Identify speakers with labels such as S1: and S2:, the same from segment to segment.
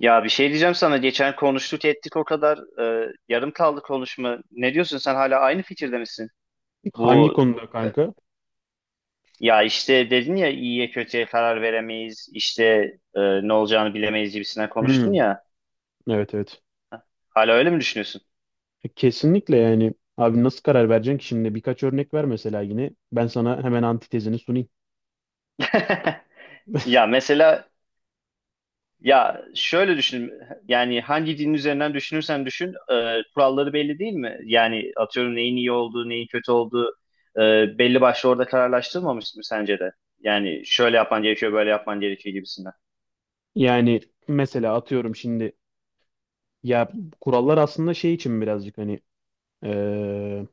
S1: Ya bir şey diyeceğim sana. Geçen konuştuk ettik o kadar. Yarım kaldı konuşma. Ne diyorsun sen hala aynı fikirde misin?
S2: Hangi
S1: Bu
S2: konuda kanka?
S1: ya işte dedin ya iyiye kötüye karar veremeyiz. İşte, ne olacağını bilemeyiz gibisinden
S2: Hmm,
S1: konuştun ya.
S2: evet evet.
S1: Hala öyle mi düşünüyorsun?
S2: Kesinlikle yani abi nasıl karar vereceksin ki şimdi birkaç örnek ver mesela yine ben sana hemen antitezini sunayım.
S1: Ya mesela, ya şöyle düşün, yani hangi din üzerinden düşünürsen düşün kuralları belli değil mi? Yani atıyorum neyin iyi olduğu neyin kötü olduğu belli başlı orada kararlaştırılmamış mı sence de? Yani şöyle yapman gerekiyor böyle yapman gerekiyor gibisinden.
S2: Yani mesela atıyorum şimdi ya kurallar aslında şey için birazcık hani eee,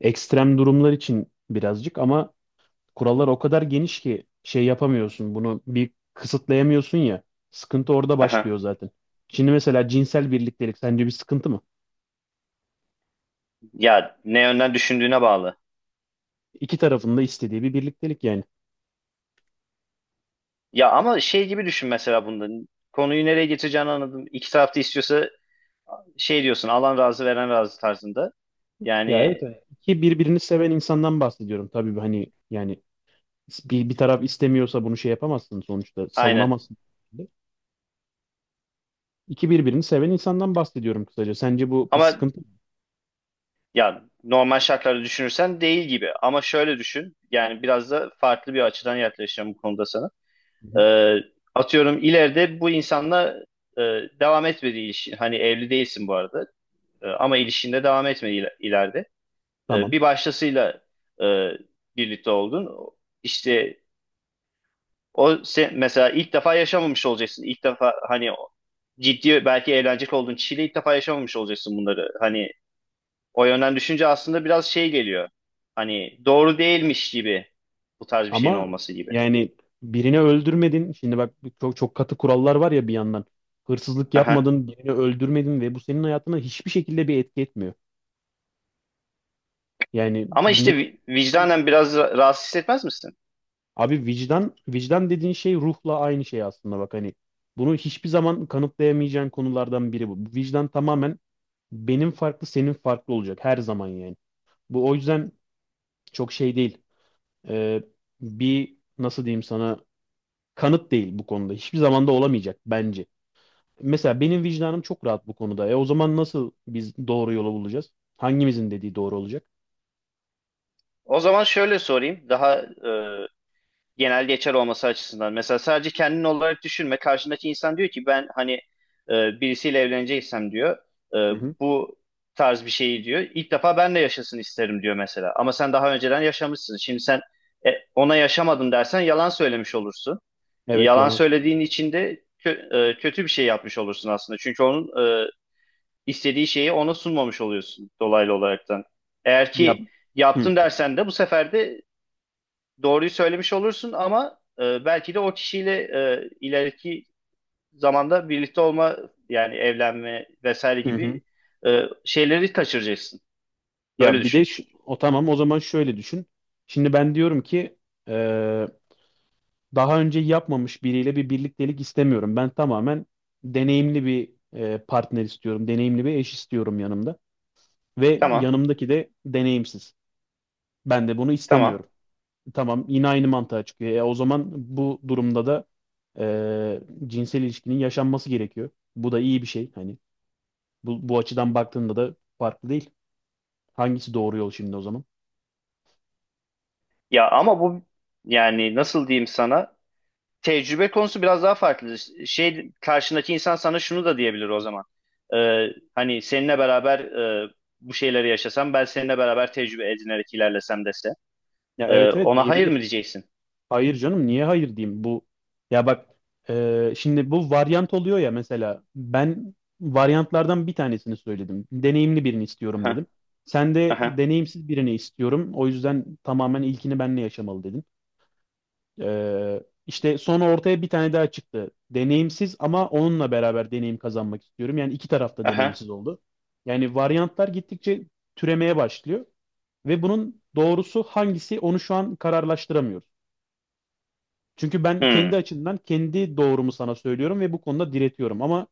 S2: ekstrem durumlar için birazcık ama kurallar o kadar geniş ki şey yapamıyorsun bunu bir kısıtlayamıyorsun ya sıkıntı orada
S1: Aha.
S2: başlıyor zaten. Şimdi mesela cinsel birliktelik sence bir sıkıntı mı?
S1: Ya ne yönden düşündüğüne bağlı.
S2: İki tarafın da istediği bir birliktelik yani.
S1: Ya ama şey gibi düşün mesela bunda, konuyu nereye getireceğini anladım. İki taraf da istiyorsa şey diyorsun, alan razı veren razı tarzında.
S2: Ya evet
S1: Yani
S2: hani iki birbirini seven insandan bahsediyorum. Tabii hani yani bir taraf istemiyorsa bunu şey yapamazsın sonuçta
S1: aynen.
S2: savunamazsın. İki birbirini seven insandan bahsediyorum kısaca. Sence bu bir
S1: Ama
S2: sıkıntı mı?
S1: ya normal şartlarda düşünürsen değil gibi, ama şöyle düşün, yani biraz da farklı bir açıdan yaklaşacağım bu konuda sana.
S2: Hı hı.
S1: Ee, Atıyorum ileride bu insanla e, devam etmedi ilişki, hani evli değilsin bu arada. E, ama ilişkinde devam etmedi ileride. E,
S2: Tamam.
S1: bir başkasıyla e, birlikte oldun, işte o sen, mesela ilk defa yaşamamış olacaksın, ilk defa hani ciddi belki evlenecek olduğun kişiyle ilk defa yaşamamış olacaksın bunları, hani o yönden düşünce aslında biraz şey geliyor. Hani doğru değilmiş gibi, bu tarz bir şeyin
S2: Ama
S1: olması gibi.
S2: yani birini öldürmedin. Şimdi bak çok çok katı kurallar var ya bir yandan. Hırsızlık
S1: Aha.
S2: yapmadın, birini öldürmedin ve bu senin hayatına hiçbir şekilde bir etki etmiyor. Yani
S1: Ama
S2: bir
S1: işte
S2: ne kadar.
S1: vicdanen biraz rahatsız hissetmez misin?
S2: Abi vicdan vicdan dediğin şey ruhla aynı şey aslında bak hani bunu hiçbir zaman kanıtlayamayacağın konulardan biri bu. Vicdan tamamen benim farklı senin farklı olacak her zaman yani. Bu o yüzden çok şey değil. Ee, Bir nasıl diyeyim sana kanıt değil bu konuda. Hiçbir zaman da olamayacak bence. Mesela benim vicdanım çok rahat bu konuda. E o zaman nasıl biz doğru yolu bulacağız? Hangimizin dediği doğru olacak?
S1: O zaman şöyle sorayım. Daha, genel geçer olması açısından. Mesela sadece kendin olarak düşünme. Karşındaki insan diyor ki ben hani birisiyle evleneceksem diyor. e,
S2: Hı hı.
S1: Bu tarz bir şeyi diyor. İlk defa ben de yaşasın isterim diyor mesela. Ama sen daha önceden yaşamışsın. Şimdi sen ona yaşamadın dersen yalan söylemiş olursun.
S2: Evet
S1: Yalan
S2: yalan söylemiş
S1: söylediğin
S2: oldum.
S1: için de kötü bir şey yapmış olursun aslında. Çünkü onun e, istediği şeyi ona sunmamış oluyorsun dolaylı olaraktan. Eğer
S2: Ya
S1: ki
S2: hı
S1: yaptım dersen de bu sefer de doğruyu söylemiş olursun, ama belki de o kişiyle ileriki zamanda birlikte olma, yani evlenme vesaire
S2: hı.
S1: gibi
S2: hı.
S1: şeyleri kaçıracaksın. Böyle
S2: Ya bir
S1: düşün.
S2: de şu- o tamam o zaman şöyle düşün. Şimdi ben diyorum ki eee, daha önce yapmamış biriyle bir birliktelik istemiyorum. Ben tamamen deneyimli bir partner istiyorum. Deneyimli bir eş istiyorum yanımda. Ve
S1: Tamam.
S2: yanımdaki de deneyimsiz. Ben de bunu
S1: Tamam.
S2: istemiyorum. Tamam yine aynı mantığa çıkıyor. E, o zaman bu durumda da eee, cinsel ilişkinin yaşanması gerekiyor. Bu da iyi bir şey. Hani bu açıdan baktığında da farklı değil. Hangisi doğru yol şimdi o zaman?
S1: Ya ama bu, yani nasıl diyeyim sana? Tecrübe konusu biraz daha farklı. Şey, karşındaki insan sana şunu da diyebilir o zaman. Ee, Hani seninle beraber bu şeyleri yaşasam, ben seninle beraber tecrübe edinerek ilerlesem dese.
S2: Ya evet evet
S1: Ona hayır mı
S2: diyebilir.
S1: diyeceksin?
S2: Hayır canım niye hayır diyeyim bu. Ya bak e, şimdi bu varyant oluyor ya mesela ben varyantlardan bir tanesini söyledim. Deneyimli birini istiyorum
S1: Aha,
S2: dedim. Sen de
S1: aha,
S2: deneyimsiz birini istiyorum. O yüzden tamamen ilkini benle yaşamalı dedin. Ee, işte sonra ortaya bir tane daha çıktı. Deneyimsiz ama onunla beraber deneyim kazanmak istiyorum. Yani iki tarafta
S1: aha.
S2: deneyimsiz oldu. Yani varyantlar gittikçe türemeye başlıyor ve bunun doğrusu hangisi onu şu an kararlaştıramıyoruz. Çünkü ben kendi
S1: Hmm.
S2: açımdan kendi doğrumu sana söylüyorum ve bu konuda diretiyorum ama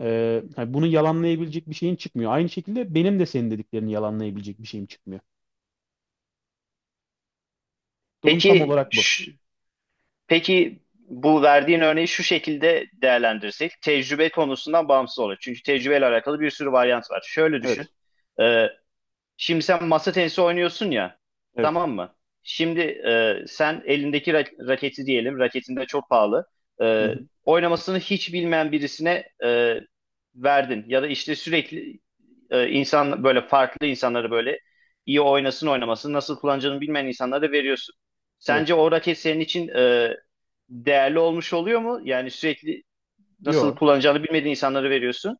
S2: e, hani bunu yalanlayabilecek bir şeyin çıkmıyor. Aynı şekilde benim de senin dediklerini yalanlayabilecek bir şeyim çıkmıyor. Durum tam
S1: Peki
S2: olarak bu.
S1: ş- peki bu verdiğin örneği şu şekilde değerlendirsek, tecrübe konusundan bağımsız olur. Çünkü tecrübeyle alakalı bir sürü varyant var. Şöyle düşün.
S2: Evet,
S1: Ee, Şimdi sen masa tenisi oynuyorsun ya,
S2: evet.
S1: tamam mı? Şimdi sen elindeki raketi diyelim, raketin de çok pahalı.
S2: Hı
S1: E,
S2: hı,
S1: oynamasını hiç bilmeyen birisine verdin. Ya da işte sürekli insan böyle farklı insanları böyle iyi oynasın oynamasın, nasıl kullanacağını bilmeyen insanlara da veriyorsun. Sence
S2: evet.
S1: o raket senin için değerli olmuş oluyor mu? Yani sürekli nasıl
S2: Yok,
S1: kullanacağını bilmediğin insanlara veriyorsun.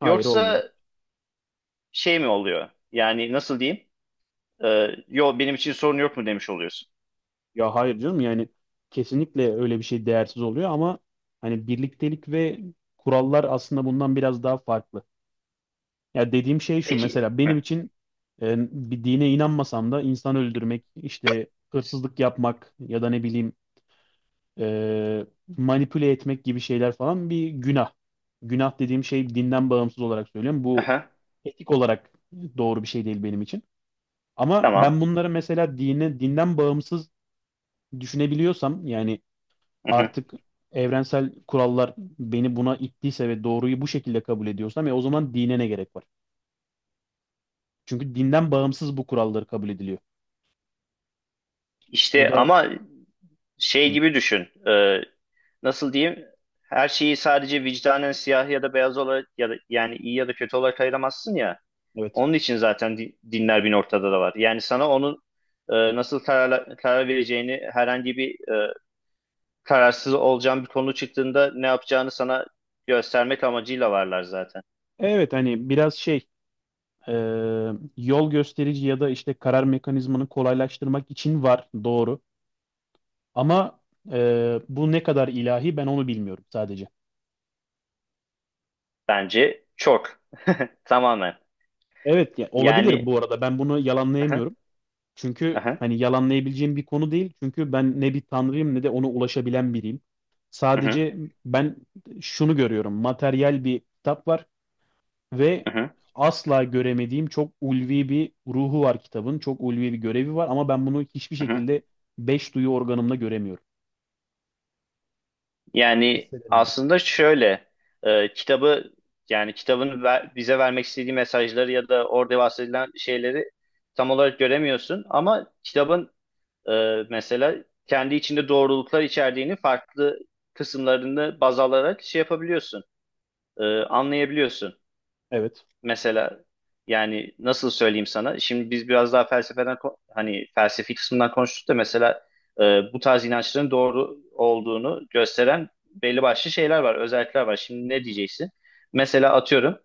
S2: hayır olmuyor.
S1: Yoksa şey mi oluyor? Yani nasıl diyeyim? Yo benim için sorun yok mu demiş oluyorsun.
S2: Ya hayır canım yani kesinlikle öyle bir şey değersiz oluyor ama hani birliktelik ve kurallar aslında bundan biraz daha farklı. Ya dediğim şey şu
S1: Peki.
S2: mesela
S1: Hı.
S2: benim için e, bir dine inanmasam da insan öldürmek, işte hırsızlık yapmak ya da ne bileyim e, manipüle etmek gibi şeyler falan bir günah. Günah dediğim şey dinden bağımsız olarak söylüyorum. Bu
S1: Aha,
S2: etik olarak doğru bir şey değil benim için. Ama
S1: tamam.
S2: ben bunları mesela dinden bağımsız düşünebiliyorsam yani
S1: Hı hı.
S2: artık evrensel kurallar beni buna ittiyse ve doğruyu bu şekilde kabul ediyorsam ya o zaman dine ne gerek var? Çünkü dinden bağımsız bu kuralları kabul ediliyor. Bu
S1: İşte
S2: da
S1: ama şey
S2: Hı,
S1: gibi düşün. Nasıl diyeyim? Her şeyi sadece vicdanen siyah ya da beyaz olarak ya da yani iyi ya da kötü olarak ayıramazsın ya.
S2: evet.
S1: Onun için zaten dinler bin ortada da var. Yani sana onun nasıl karar vereceğini, herhangi bir kararsız olacağın bir konu çıktığında ne yapacağını sana göstermek amacıyla varlar zaten.
S2: Evet hani biraz şey e, yol gösterici ya da işte karar mekanizmanı kolaylaştırmak için var doğru. Ama e, bu ne kadar ilahi ben onu bilmiyorum sadece.
S1: Bence çok. Tamamen.
S2: Evet ya olabilir
S1: Yani
S2: bu arada ben bunu
S1: aha,
S2: yalanlayamıyorum. Çünkü
S1: aha,
S2: hani yalanlayabileceğim bir konu değil. Çünkü ben ne bir tanrıyım ne de ona ulaşabilen biriyim.
S1: aha,
S2: Sadece ben şunu görüyorum. Materyal bir kitap var ve
S1: aha,
S2: asla göremediğim çok ulvi bir ruhu var kitabın. Çok ulvi bir görevi var ama ben bunu hiçbir
S1: aha.
S2: şekilde beş duyu organımla göremiyorum.
S1: Yani
S2: Hissedemiyorum.
S1: aslında şöyle, kitabı, yani kitabın bize vermek istediği mesajları ya da orada bahsedilen şeyleri tam olarak göremiyorsun, ama kitabın e, mesela kendi içinde doğruluklar içerdiğini farklı kısımlarını baz alarak şey yapabiliyorsun, anlayabiliyorsun.
S2: Evet.
S1: Mesela, yani nasıl söyleyeyim sana? Şimdi biz biraz daha felsefeden hani felsefi kısmından konuştuk da mesela bu tarz inançların doğru olduğunu gösteren belli başlı şeyler var, özellikler var. Şimdi ne diyeceksin? Mesela atıyorum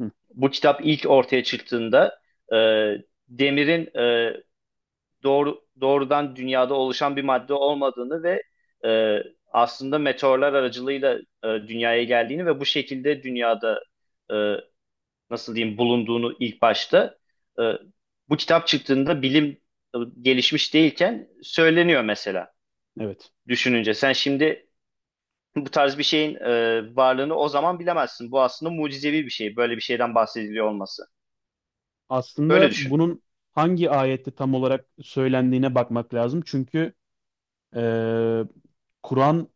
S2: Hı,
S1: bu kitap ilk ortaya çıktığında e, demirin doğru doğrudan dünyada oluşan bir madde olmadığını ve e, aslında meteorlar aracılığıyla dünyaya geldiğini ve bu şekilde dünyada e, nasıl diyeyim bulunduğunu, ilk başta e, bu kitap çıktığında bilim gelişmiş değilken söyleniyor mesela,
S2: evet.
S1: düşününce. Sen şimdi bu tarz bir şeyin varlığını o zaman bilemezsin. Bu aslında mucizevi bir şey. Böyle bir şeyden bahsediliyor olması. Böyle
S2: Aslında
S1: düşün.
S2: bunun hangi ayette tam olarak söylendiğine bakmak lazım. Çünkü e, Kur'an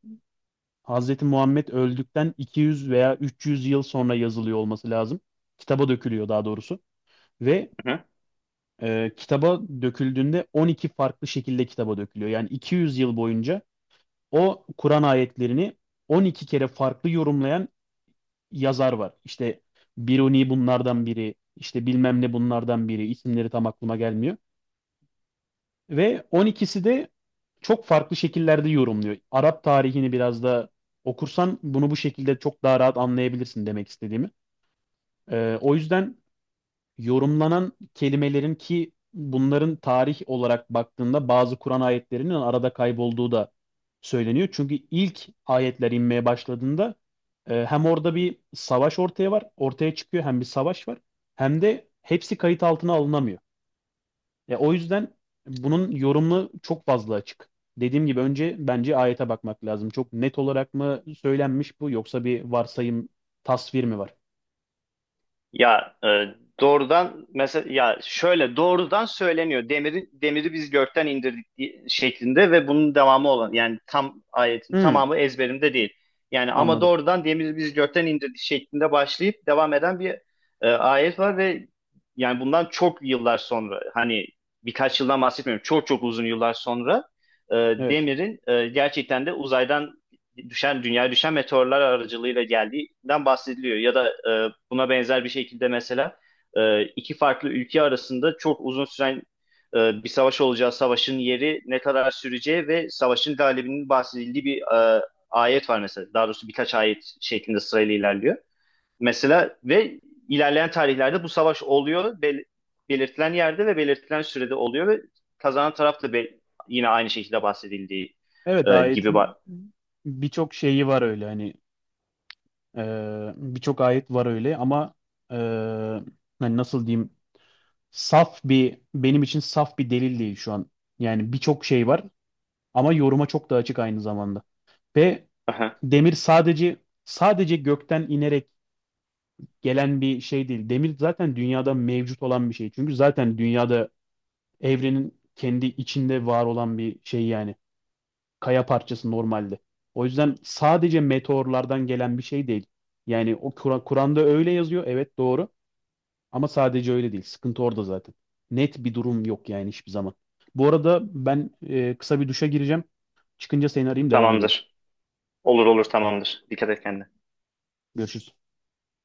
S2: Hazreti Muhammed öldükten 200 veya 300 yıl sonra yazılıyor olması lazım. Kitaba dökülüyor daha doğrusu. Ve
S1: Hı hı.
S2: e, kitaba döküldüğünde 12 farklı şekilde kitaba dökülüyor. Yani 200 yıl boyunca o Kur'an ayetlerini 12 kere farklı yorumlayan yazar var. İşte Biruni bunlardan biri, işte bilmem ne bunlardan biri, isimleri tam aklıma gelmiyor. Ve on ikisi de çok farklı şekillerde yorumluyor. Arap tarihini biraz da okursan bunu bu şekilde çok daha rahat anlayabilirsin demek istediğimi. O yüzden yorumlanan kelimelerin ki bunların tarih olarak baktığında bazı Kur'an ayetlerinin arada kaybolduğu da söyleniyor. Çünkü ilk ayetler inmeye başladığında e, hem orada bir savaş ortaya çıkıyor hem bir savaş var hem de hepsi kayıt altına alınamıyor. Ya o yüzden bunun yorumlu çok fazla açık. Dediğim gibi önce bence ayete bakmak lazım. Çok net olarak mı söylenmiş bu yoksa bir varsayım, tasvir mi var?
S1: Ya e, Doğrudan mesela, ya şöyle doğrudan söyleniyor. Demiri biz gökten indirdik şeklinde, ve bunun devamı olan, yani tam ayetin
S2: Hmm,
S1: tamamı ezberimde değil. Yani ama
S2: anladım.
S1: doğrudan demiri biz gökten indirdik şeklinde başlayıp devam eden bir ayet var ve, yani bundan çok yıllar sonra, hani birkaç yıldan bahsetmiyorum, çok çok uzun yıllar sonra e,
S2: Evet.
S1: demirin gerçekten de uzaydan düşen düşen meteorlar aracılığıyla geldiğinden bahsediliyor. Ya da buna benzer bir şekilde mesela iki farklı ülke arasında çok uzun süren bir savaş olacağı, savaşın yeri, ne kadar süreceği ve savaşın galibinin bahsedildiği bir e, ayet var mesela. Daha doğrusu birkaç ayet şeklinde sırayla ilerliyor. Mesela ve ilerleyen tarihlerde bu savaş oluyor. Belirtilen yerde ve belirtilen sürede oluyor ve kazanan taraf da yine aynı şekilde bahsedildiği
S2: Evet
S1: gibi.
S2: ayetin birçok şeyi var öyle hani e, birçok ayet var öyle ama e, hani nasıl diyeyim saf bir benim için saf bir delil değil şu an. Yani birçok şey var ama yoruma çok da açık aynı zamanda. Ve demir sadece sadece gökten inerek gelen bir şey değil. Demir zaten dünyada mevcut olan bir şey. Çünkü zaten dünyada evrenin kendi içinde var olan bir şey yani. Kaya parçası normalde. O yüzden sadece meteorlardan gelen bir şey değil. Yani o Kur'an- Kur'an'da öyle yazıyor. Evet doğru. Ama sadece öyle değil. Sıkıntı orada zaten. Net bir durum yok yani hiçbir zaman. Bu arada ben e, kısa bir duşa gireceğim. Çıkınca seni arayayım devam edelim.
S1: Tamamdır. Olur olur, tamamdır. Dikkat et kendine.
S2: Görüşürüz.